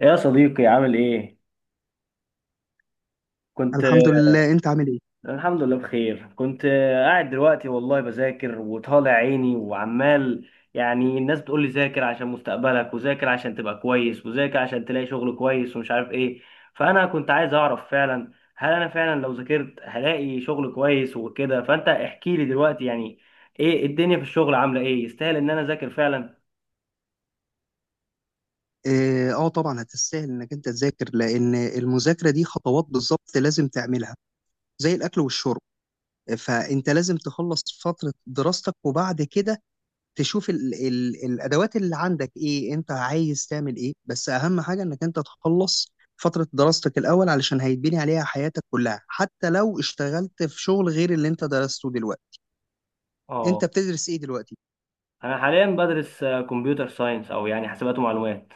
يا صديقي عامل ايه؟ كنت الحمد لله، انت عامل ايه؟ الحمد لله بخير. كنت قاعد دلوقتي والله بذاكر وطالع عيني وعمال، يعني الناس بتقول لي ذاكر عشان مستقبلك، وذاكر عشان تبقى كويس، وذاكر عشان تلاقي شغل كويس ومش عارف ايه. فانا كنت عايز اعرف فعلا، هل انا فعلا لو ذاكرت هلاقي شغل كويس وكده؟ فانت احكي لي دلوقتي، يعني ايه الدنيا في الشغل؟ عاملة ايه؟ يستاهل ان انا اذاكر فعلا؟ اه، آه طبعا هتستاهل انك انت تذاكر لان المذاكره دي خطوات بالظبط لازم تعملها زي الاكل والشرب. فانت لازم تخلص فتره دراستك وبعد كده تشوف ال الادوات اللي عندك ايه، انت عايز تعمل ايه، بس اهم حاجه انك انت تخلص فتره دراستك الاول علشان هيتبني عليها حياتك كلها حتى لو اشتغلت في شغل غير اللي انت درسته دلوقتي. اه. انت بتدرس ايه دلوقتي؟ انا حاليا بدرس كمبيوتر ساينس، او يعني حاسبات ومعلومات.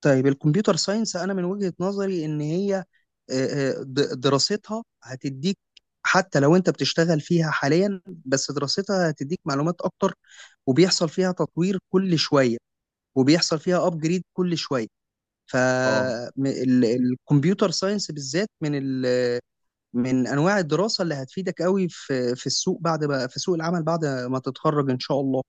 طيب الكمبيوتر ساينس، انا من وجهة نظري ان هي دراستها هتديك، حتى لو انت بتشتغل فيها حاليا بس دراستها هتديك معلومات اكتر، وبيحصل فيها تطوير كل شوية وبيحصل فيها ابجريد كل شوية. اه. فالكمبيوتر ساينس بالذات من من انواع الدراسة اللي هتفيدك قوي في السوق، بعد ما في سوق العمل بعد ما تتخرج ان شاء الله.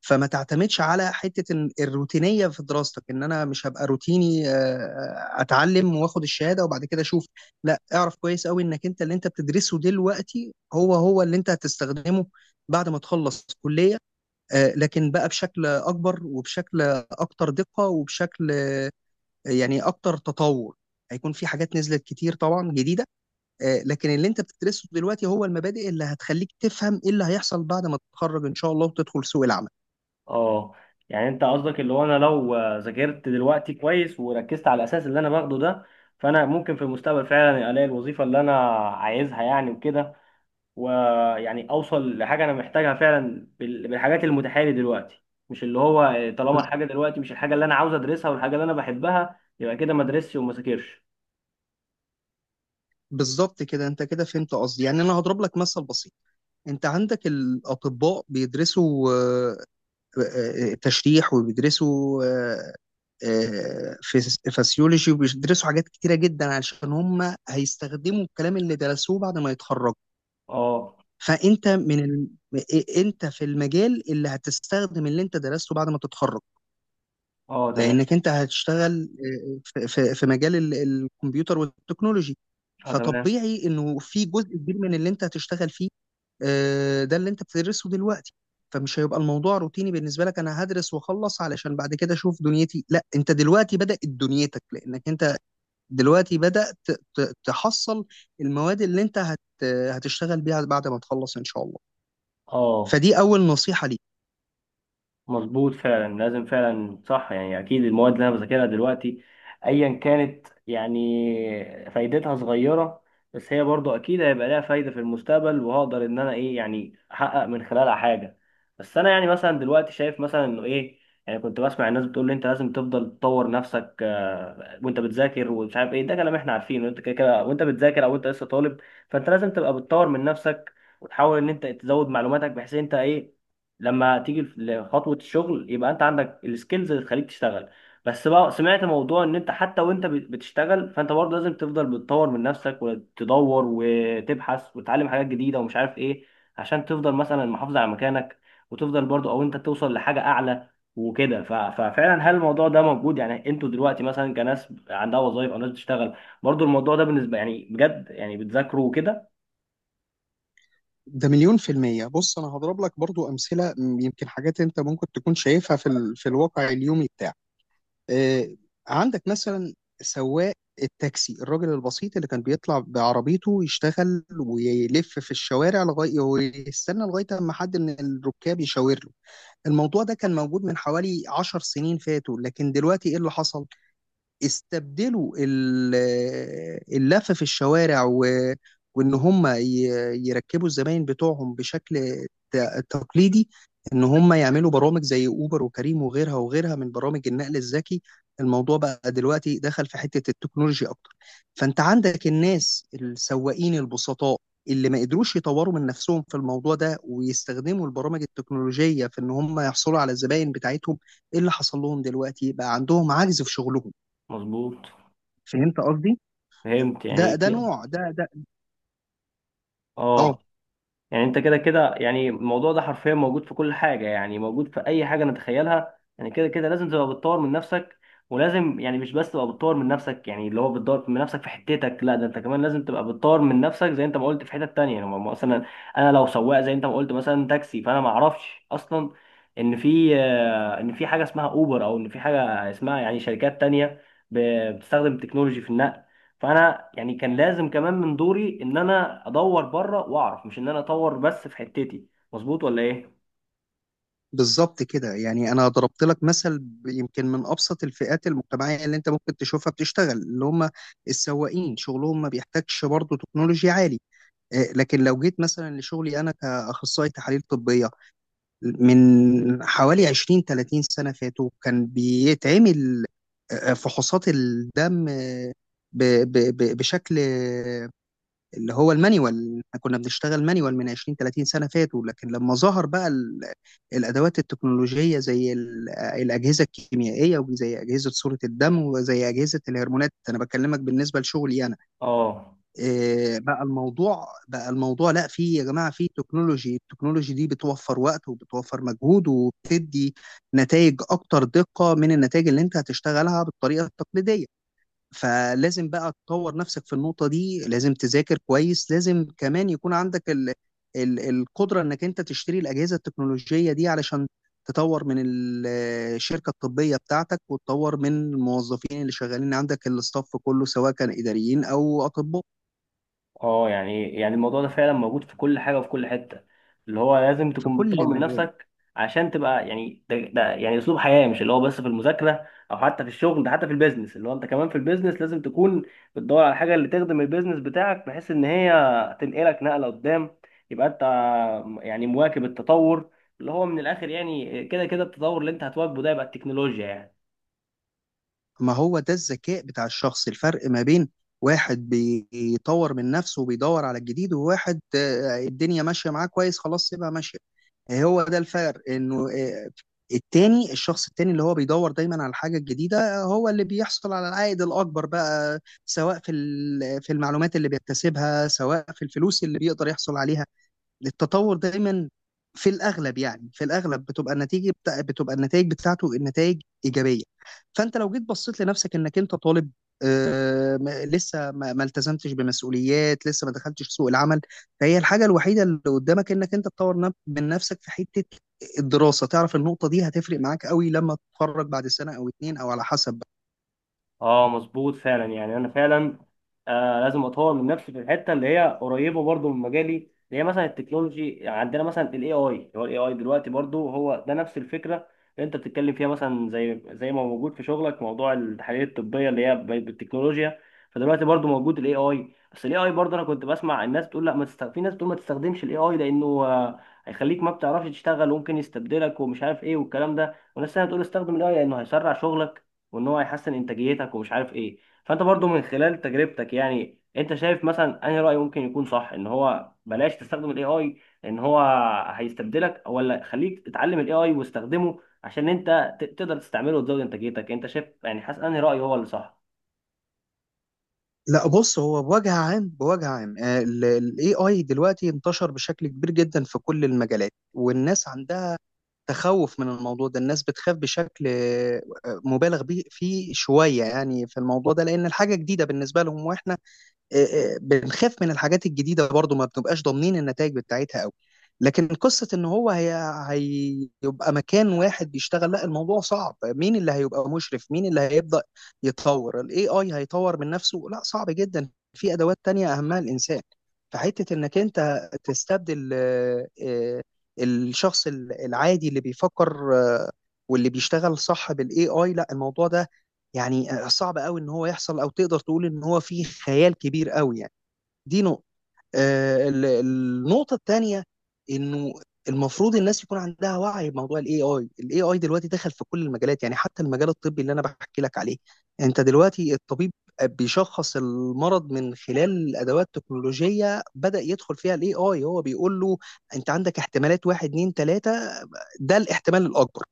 فما تعتمدش على حتة الروتينية في دراستك، ان انا مش هبقى روتيني، اتعلم واخد الشهادة وبعد كده اشوف. لا، اعرف كويس قوي انك انت اللي انت بتدرسه دلوقتي هو هو اللي انت هتستخدمه بعد ما تخلص كلية، لكن بقى بشكل اكبر وبشكل اكتر دقة وبشكل يعني اكتر تطور. هيكون في حاجات نزلت كتير طبعا جديدة، لكن اللي انت بتدرسه دلوقتي هو المبادئ اللي هتخليك تفهم ايه اللي هيحصل بعد ما تتخرج ان شاء الله وتدخل سوق العمل. اه، يعني انت قصدك اللي هو انا لو ذاكرت دلوقتي كويس وركزت على الاساس اللي انا باخده ده، فانا ممكن في المستقبل فعلا الاقي الوظيفه اللي انا عايزها يعني وكده، ويعني اوصل لحاجه انا محتاجها فعلا بالحاجات المتاحه لي دلوقتي. مش اللي هو طالما الحاجه دلوقتي مش الحاجه اللي انا عاوز ادرسها والحاجه اللي انا بحبها، يبقى كده ما ادرسش وما ذاكرش. بالظبط كده، انت كده فهمت قصدي. يعني انا هضرب لك مثل بسيط. انت عندك الاطباء بيدرسوا تشريح وبيدرسوا فسيولوجي وبيدرسوا حاجات كتيره جدا علشان هم هيستخدموا الكلام اللي درسوه بعد ما يتخرجوا. اه. فانت من انت في المجال اللي هتستخدم اللي انت درسته بعد ما تتخرج، اه، تمام. لانك انت هتشتغل في في مجال الكمبيوتر والتكنولوجي. اه، تمام. فطبيعي انه في جزء كبير من اللي انت هتشتغل فيه، ده اللي انت بتدرسه دلوقتي. فمش هيبقى الموضوع روتيني بالنسبه لك، انا هدرس واخلص علشان بعد كده اشوف دنيتي. لا، انت دلوقتي بدات دنيتك لانك انت دلوقتي بدات تحصل المواد اللي انت هتشتغل بيها بعد ما تخلص ان شاء الله. اه، فدي اول نصيحه ليك. مظبوط فعلا، لازم فعلا، صح. يعني اكيد المواد اللي انا بذاكرها دلوقتي، ايا كانت يعني فايدتها صغيره، بس هي برضو اكيد هيبقى لها فايده في المستقبل، وهقدر ان انا ايه يعني احقق من خلالها حاجه. بس انا يعني مثلا دلوقتي شايف مثلا انه ايه، يعني كنت بسمع الناس بتقول لي انت لازم تفضل تطور نفسك وانت بتذاكر ومش عارف ايه. ده كلام احنا عارفينه، انت كده كده وانت بتذاكر او انت لسه طالب، فانت لازم تبقى بتطور من نفسك، وتحاول ان انت تزود معلوماتك، بحيث انت ايه لما تيجي لخطوة الشغل يبقى انت عندك السكيلز اللي تخليك تشتغل. بس بقى سمعت موضوع ان انت حتى وانت بتشتغل فانت برضه لازم تفضل بتطور من نفسك، وتدور وتبحث وتتعلم حاجات جديدة ومش عارف ايه، عشان تفضل مثلا محافظ على مكانك، وتفضل برضه او انت توصل لحاجة اعلى وكده. ففعلا هل الموضوع ده موجود يعني؟ انتوا دلوقتي مثلا كناس عندها وظائف او ناس بتشتغل، برضه الموضوع ده بالنسبة يعني بجد، يعني بتذاكروا وكده؟ ده مليون في المية. بص، أنا هضرب لك برضو أمثلة، يمكن حاجات أنت ممكن تكون شايفها في الواقع اليومي بتاعك. آه، عندك مثلا سواق التاكسي، الراجل البسيط اللي كان بيطلع بعربيته يشتغل ويلف في الشوارع لغايه ويستنى لغايه اما حد من الركاب يشاور له. الموضوع ده كان موجود من حوالي 10 سنين فاتوا، لكن دلوقتي ايه اللي حصل؟ استبدلوا اللف في الشوارع وان هم يركبوا الزباين بتوعهم بشكل تقليدي، ان هم يعملوا برامج زي اوبر وكريم وغيرها وغيرها من برامج النقل الذكي. الموضوع بقى دلوقتي دخل في حتة التكنولوجيا اكتر. فانت عندك الناس السواقين البسطاء اللي ما قدروش يطوروا من نفسهم في الموضوع ده ويستخدموا البرامج التكنولوجية في ان هم يحصلوا على الزباين بتاعتهم، ايه اللي حصل لهم؟ دلوقتي بقى عندهم عجز في شغلهم. مظبوط. فهمت قصدي؟ فهمت ده يعني. ده نوع ده ده اه، اه. يعني انت كده كده، يعني الموضوع ده حرفيا موجود في كل حاجه، يعني موجود في اي حاجه نتخيلها، يعني كده كده لازم تبقى بتطور من نفسك. ولازم يعني مش بس تبقى بتطور من نفسك، يعني اللي هو بتطور من نفسك في حتتك، لا ده انت كمان لازم تبقى بتطور من نفسك زي انت ما قلت في حتت تانية. يعني مثلا انا لو سواق زي انت ما قلت مثلا تاكسي، فانا ما اعرفش اصلا ان في ان في حاجه اسمها اوبر، او ان في حاجه اسمها يعني شركات تانية بتستخدم تكنولوجي في النقل. فانا يعني كان لازم كمان من دوري ان انا ادور بره واعرف، مش ان انا اطور بس في حتتي. مظبوط ولا ايه؟ بالظبط كده. يعني انا ضربت لك مثل يمكن من ابسط الفئات المجتمعيه اللي انت ممكن تشوفها بتشتغل، اللي هم السواقين، شغلهم ما بيحتاجش برضه تكنولوجيا عالي. لكن لو جيت مثلا لشغلي انا كاخصائي تحاليل طبيه، من حوالي 20 30 سنه فاتوا كان بيتعمل فحوصات الدم ب- بشكل اللي هو المانيوال. احنا كنا بنشتغل مانيوال من 20 30 سنة فاتوا، لكن لما ظهر بقى الأدوات التكنولوجية زي الأجهزة الكيميائية وزي أجهزة صورة الدم وزي أجهزة الهرمونات، أنا بكلمك بالنسبة لشغلي أنا، اه. إيه بقى الموضوع بقى الموضوع لا، في يا جماعة، في تكنولوجي، التكنولوجي دي بتوفر وقت وبتوفر مجهود وبتدي نتائج أكتر دقة من النتائج اللي أنت هتشتغلها بالطريقة التقليدية. فلازم بقى تطور نفسك في النقطة دي، لازم تذاكر كويس، لازم كمان يكون عندك ال القدرة انك انت تشتري الأجهزة التكنولوجية دي علشان تطور من الشركة الطبية بتاعتك وتطور من الموظفين اللي شغالين عندك، الاستاف كله سواء كان إداريين أو أطباء، اه، يعني الموضوع ده فعلا موجود في كل حاجه وفي كل حته، اللي هو لازم في تكون بتطور كل من مجال. نفسك عشان تبقى يعني، ده يعني اسلوب حياه، مش اللي هو بس في المذاكره او حتى في الشغل، ده حتى في البيزنس. اللي هو انت كمان في البيزنس لازم تكون بتدور على الحاجه اللي تخدم البيزنس بتاعك، بحيث ان هي تنقلك نقله قدام، يبقى انت يعني مواكب التطور. اللي هو من الاخر يعني كده كده التطور اللي انت هتواكبه ده يبقى التكنولوجيا يعني. ما هو ده الذكاء بتاع الشخص، الفرق ما بين واحد بيطور من نفسه وبيدور على الجديد وواحد الدنيا ماشية معاه كويس خلاص سيبها ماشية. هو ده الفرق، انه التاني، الشخص التاني اللي هو بيدور دايما على الحاجه الجديده هو اللي بيحصل على العائد الاكبر بقى، سواء في في المعلومات اللي بيكتسبها سواء في الفلوس اللي بيقدر يحصل عليها. التطور دايما في الاغلب، يعني في الاغلب بتبقى النتيجه بتبقى النتائج بتاعته النتائج ايجابيه. فانت لو جيت بصيت لنفسك، انك انت طالب، آه ما- لسه ما... ما التزمتش بمسؤوليات، لسه ما دخلتش سوق العمل، فهي الحاجه الوحيده اللي قدامك انك انت تطور من نفسك في حته الدراسه. تعرف النقطه دي هتفرق معاك قوي لما تتخرج بعد سنه او اتنين او على حسب بقى. اه، مظبوط فعلا. يعني انا فعلا آه لازم اطور من نفسي في الحته اللي هي قريبه برضو من مجالي، اللي هي مثلا التكنولوجي. عندنا مثلا الاي اي، هو الاي اي دلوقتي برضو هو ده نفس الفكره اللي انت بتتكلم فيها، مثلا زي ما موجود في شغلك موضوع التحاليل الطبيه اللي هي بالتكنولوجيا. فدلوقتي برضو موجود الاي اي. بس الاي اي برضو انا كنت بسمع الناس بتقول، لا ما تست... في ناس بتقول ما تستخدمش الاي اي لانه هيخليك ما بتعرفش تشتغل وممكن يستبدلك ومش عارف ايه والكلام ده. وناس تانية بتقول استخدم الاي لانه هيسرع شغلك، وان هو هيحسن انتاجيتك ومش عارف ايه. فانت برضو من خلال تجربتك، يعني انت شايف مثلا انهي رأي ممكن يكون صح؟ ان هو بلاش تستخدم الاي اي ان هو هيستبدلك، ولا خليك تتعلم الاي اي واستخدمه عشان انت تقدر تستعمله وتزود انتاجيتك؟ انت شايف يعني حاسس انهي رأي هو اللي صح؟ لا بص، هو بوجه عام، بوجه عام الاي اي دلوقتي انتشر بشكل كبير جدا في كل المجالات والناس عندها تخوف من الموضوع ده. الناس بتخاف بشكل مبالغ فيه شوية يعني في الموضوع ده، لأن الحاجة جديدة بالنسبة لهم، وإحنا بنخاف من الحاجات الجديده برضو، ما بنبقاش ضامنين النتائج بتاعتها قوي. لكن قصه ان هو هي هيبقى مكان واحد بيشتغل، لا الموضوع صعب، مين اللي هيبقى مشرف؟ مين اللي هيبدا يتطور؟ الاي اي هيطور من نفسه؟ لا صعب جدا، في ادوات تانية اهمها الانسان. فحته انك انت تستبدل الشخص العادي اللي بيفكر واللي بيشتغل صح بالاي اي، لا الموضوع ده يعني صعب قوي ان هو يحصل، او تقدر تقول ان هو فيه خيال كبير قوي يعني. دي نقطة. النقطة التانية انه المفروض الناس يكون عندها وعي بموضوع الاي اي. الاي اي دلوقتي دخل في كل المجالات، يعني حتى المجال الطبي اللي انا بحكي لك عليه. انت دلوقتي الطبيب بيشخص المرض من خلال ادوات تكنولوجية بدأ يدخل فيها الاي اي، هو بيقول له انت عندك احتمالات واحد اتنين تلاتة، ده الاحتمال الاكبر.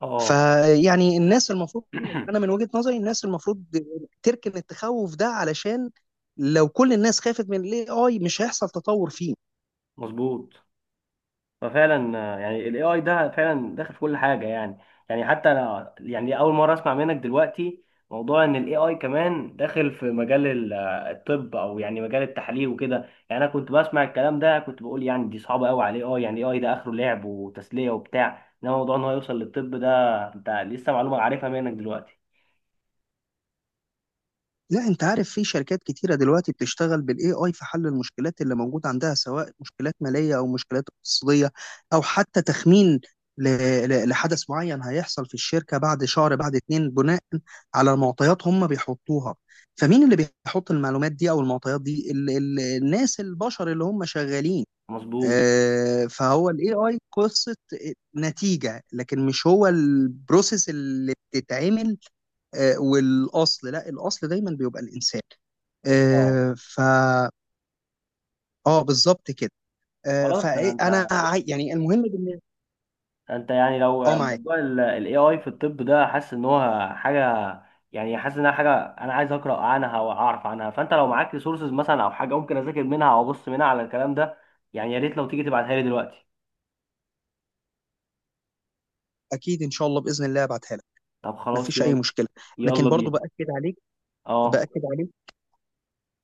اه. فيعني الناس المفروض، انا من وجهة نظري الناس المفروض تركن التخوف ده علشان لو كل الناس خافت من الاي اي مش هيحصل تطور فيه. مظبوط. ففعلا يعني الاي اي ده فعلا داخل في كل حاجه يعني. يعني حتى انا يعني اول مره اسمع منك دلوقتي موضوع ان الاي اي كمان داخل في مجال الطب، او يعني مجال التحاليل وكده. يعني انا كنت بسمع الكلام ده كنت بقول يعني دي صعبه قوي على الاي اي، يعني الاي اي ده اخره لعب وتسليه وبتاع، انما موضوع ان هو يوصل للطب ده، انت لسه معلومه عارفها منك دلوقتي. لا انت عارف في شركات كتيرة دلوقتي بتشتغل بالاي اي في حل المشكلات اللي موجودة عندها سواء مشكلات مالية او مشكلات اقتصادية، او حتى تخمين ل- لحدث معين هيحصل في الشركة بعد شهر بعد اتنين، بناء على معطيات هم بيحطوها. فمين اللي بيحط المعلومات دي او المعطيات دي؟ الناس، البشر اللي هم شغالين. مظبوط. فهو الاي اي قصه نتيجه، لكن مش هو البروسيس اللي بتتعمل، والاصل، لا الاصل دايما بيبقى الانسان، اه، آه، ف اه بالظبط كده. خلاص ده فانا انت، يعني المهم بالنسبه، يعني لو اه، معاك. موضوع ال AI في الطب ده حاسس ان هو حاجه، يعني حاسس انها حاجه انا عايز اقرا عنها واعرف عنها، فانت لو معاك ريسورسز مثلا او حاجه ممكن اذاكر منها او ابص منها على الكلام ده، يعني يا ريت لو تيجي تبعتها لي دلوقتي. اكيد ان شاء الله باذن الله ابعتها لك، طب خلاص، مفيش اي يلا. مشكله. لكن يلا برضو بينا. باكد عليك، اه، باكد عليك.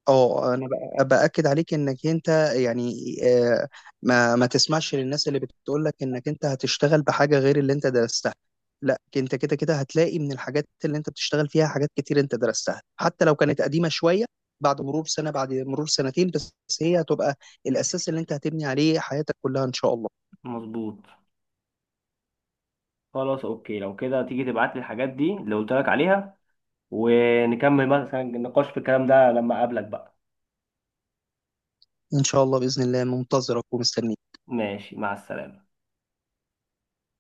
اه انا باكد عليك انك انت يعني، ما تسمعش للناس اللي بتقول لك انك انت هتشتغل بحاجه غير اللي انت درستها. لا انت كده كده هتلاقي من الحاجات اللي انت بتشتغل فيها حاجات كتير انت درستها، حتى لو كانت قديمه شويه. بعد مرور سنه، بعد مرور سنتين، بس هي هتبقى الاساس اللي انت هتبني عليه حياتك كلها ان شاء الله. مظبوط. خلاص اوكي، لو كده تيجي تبعت لي الحاجات دي اللي قلت لك عليها، ونكمل مثلا النقاش في الكلام ده لما اقابلك بقى. ان شاء الله باذن الله منتظرك ومستنيك. ماشي، مع السلامه.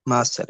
مع السلامه.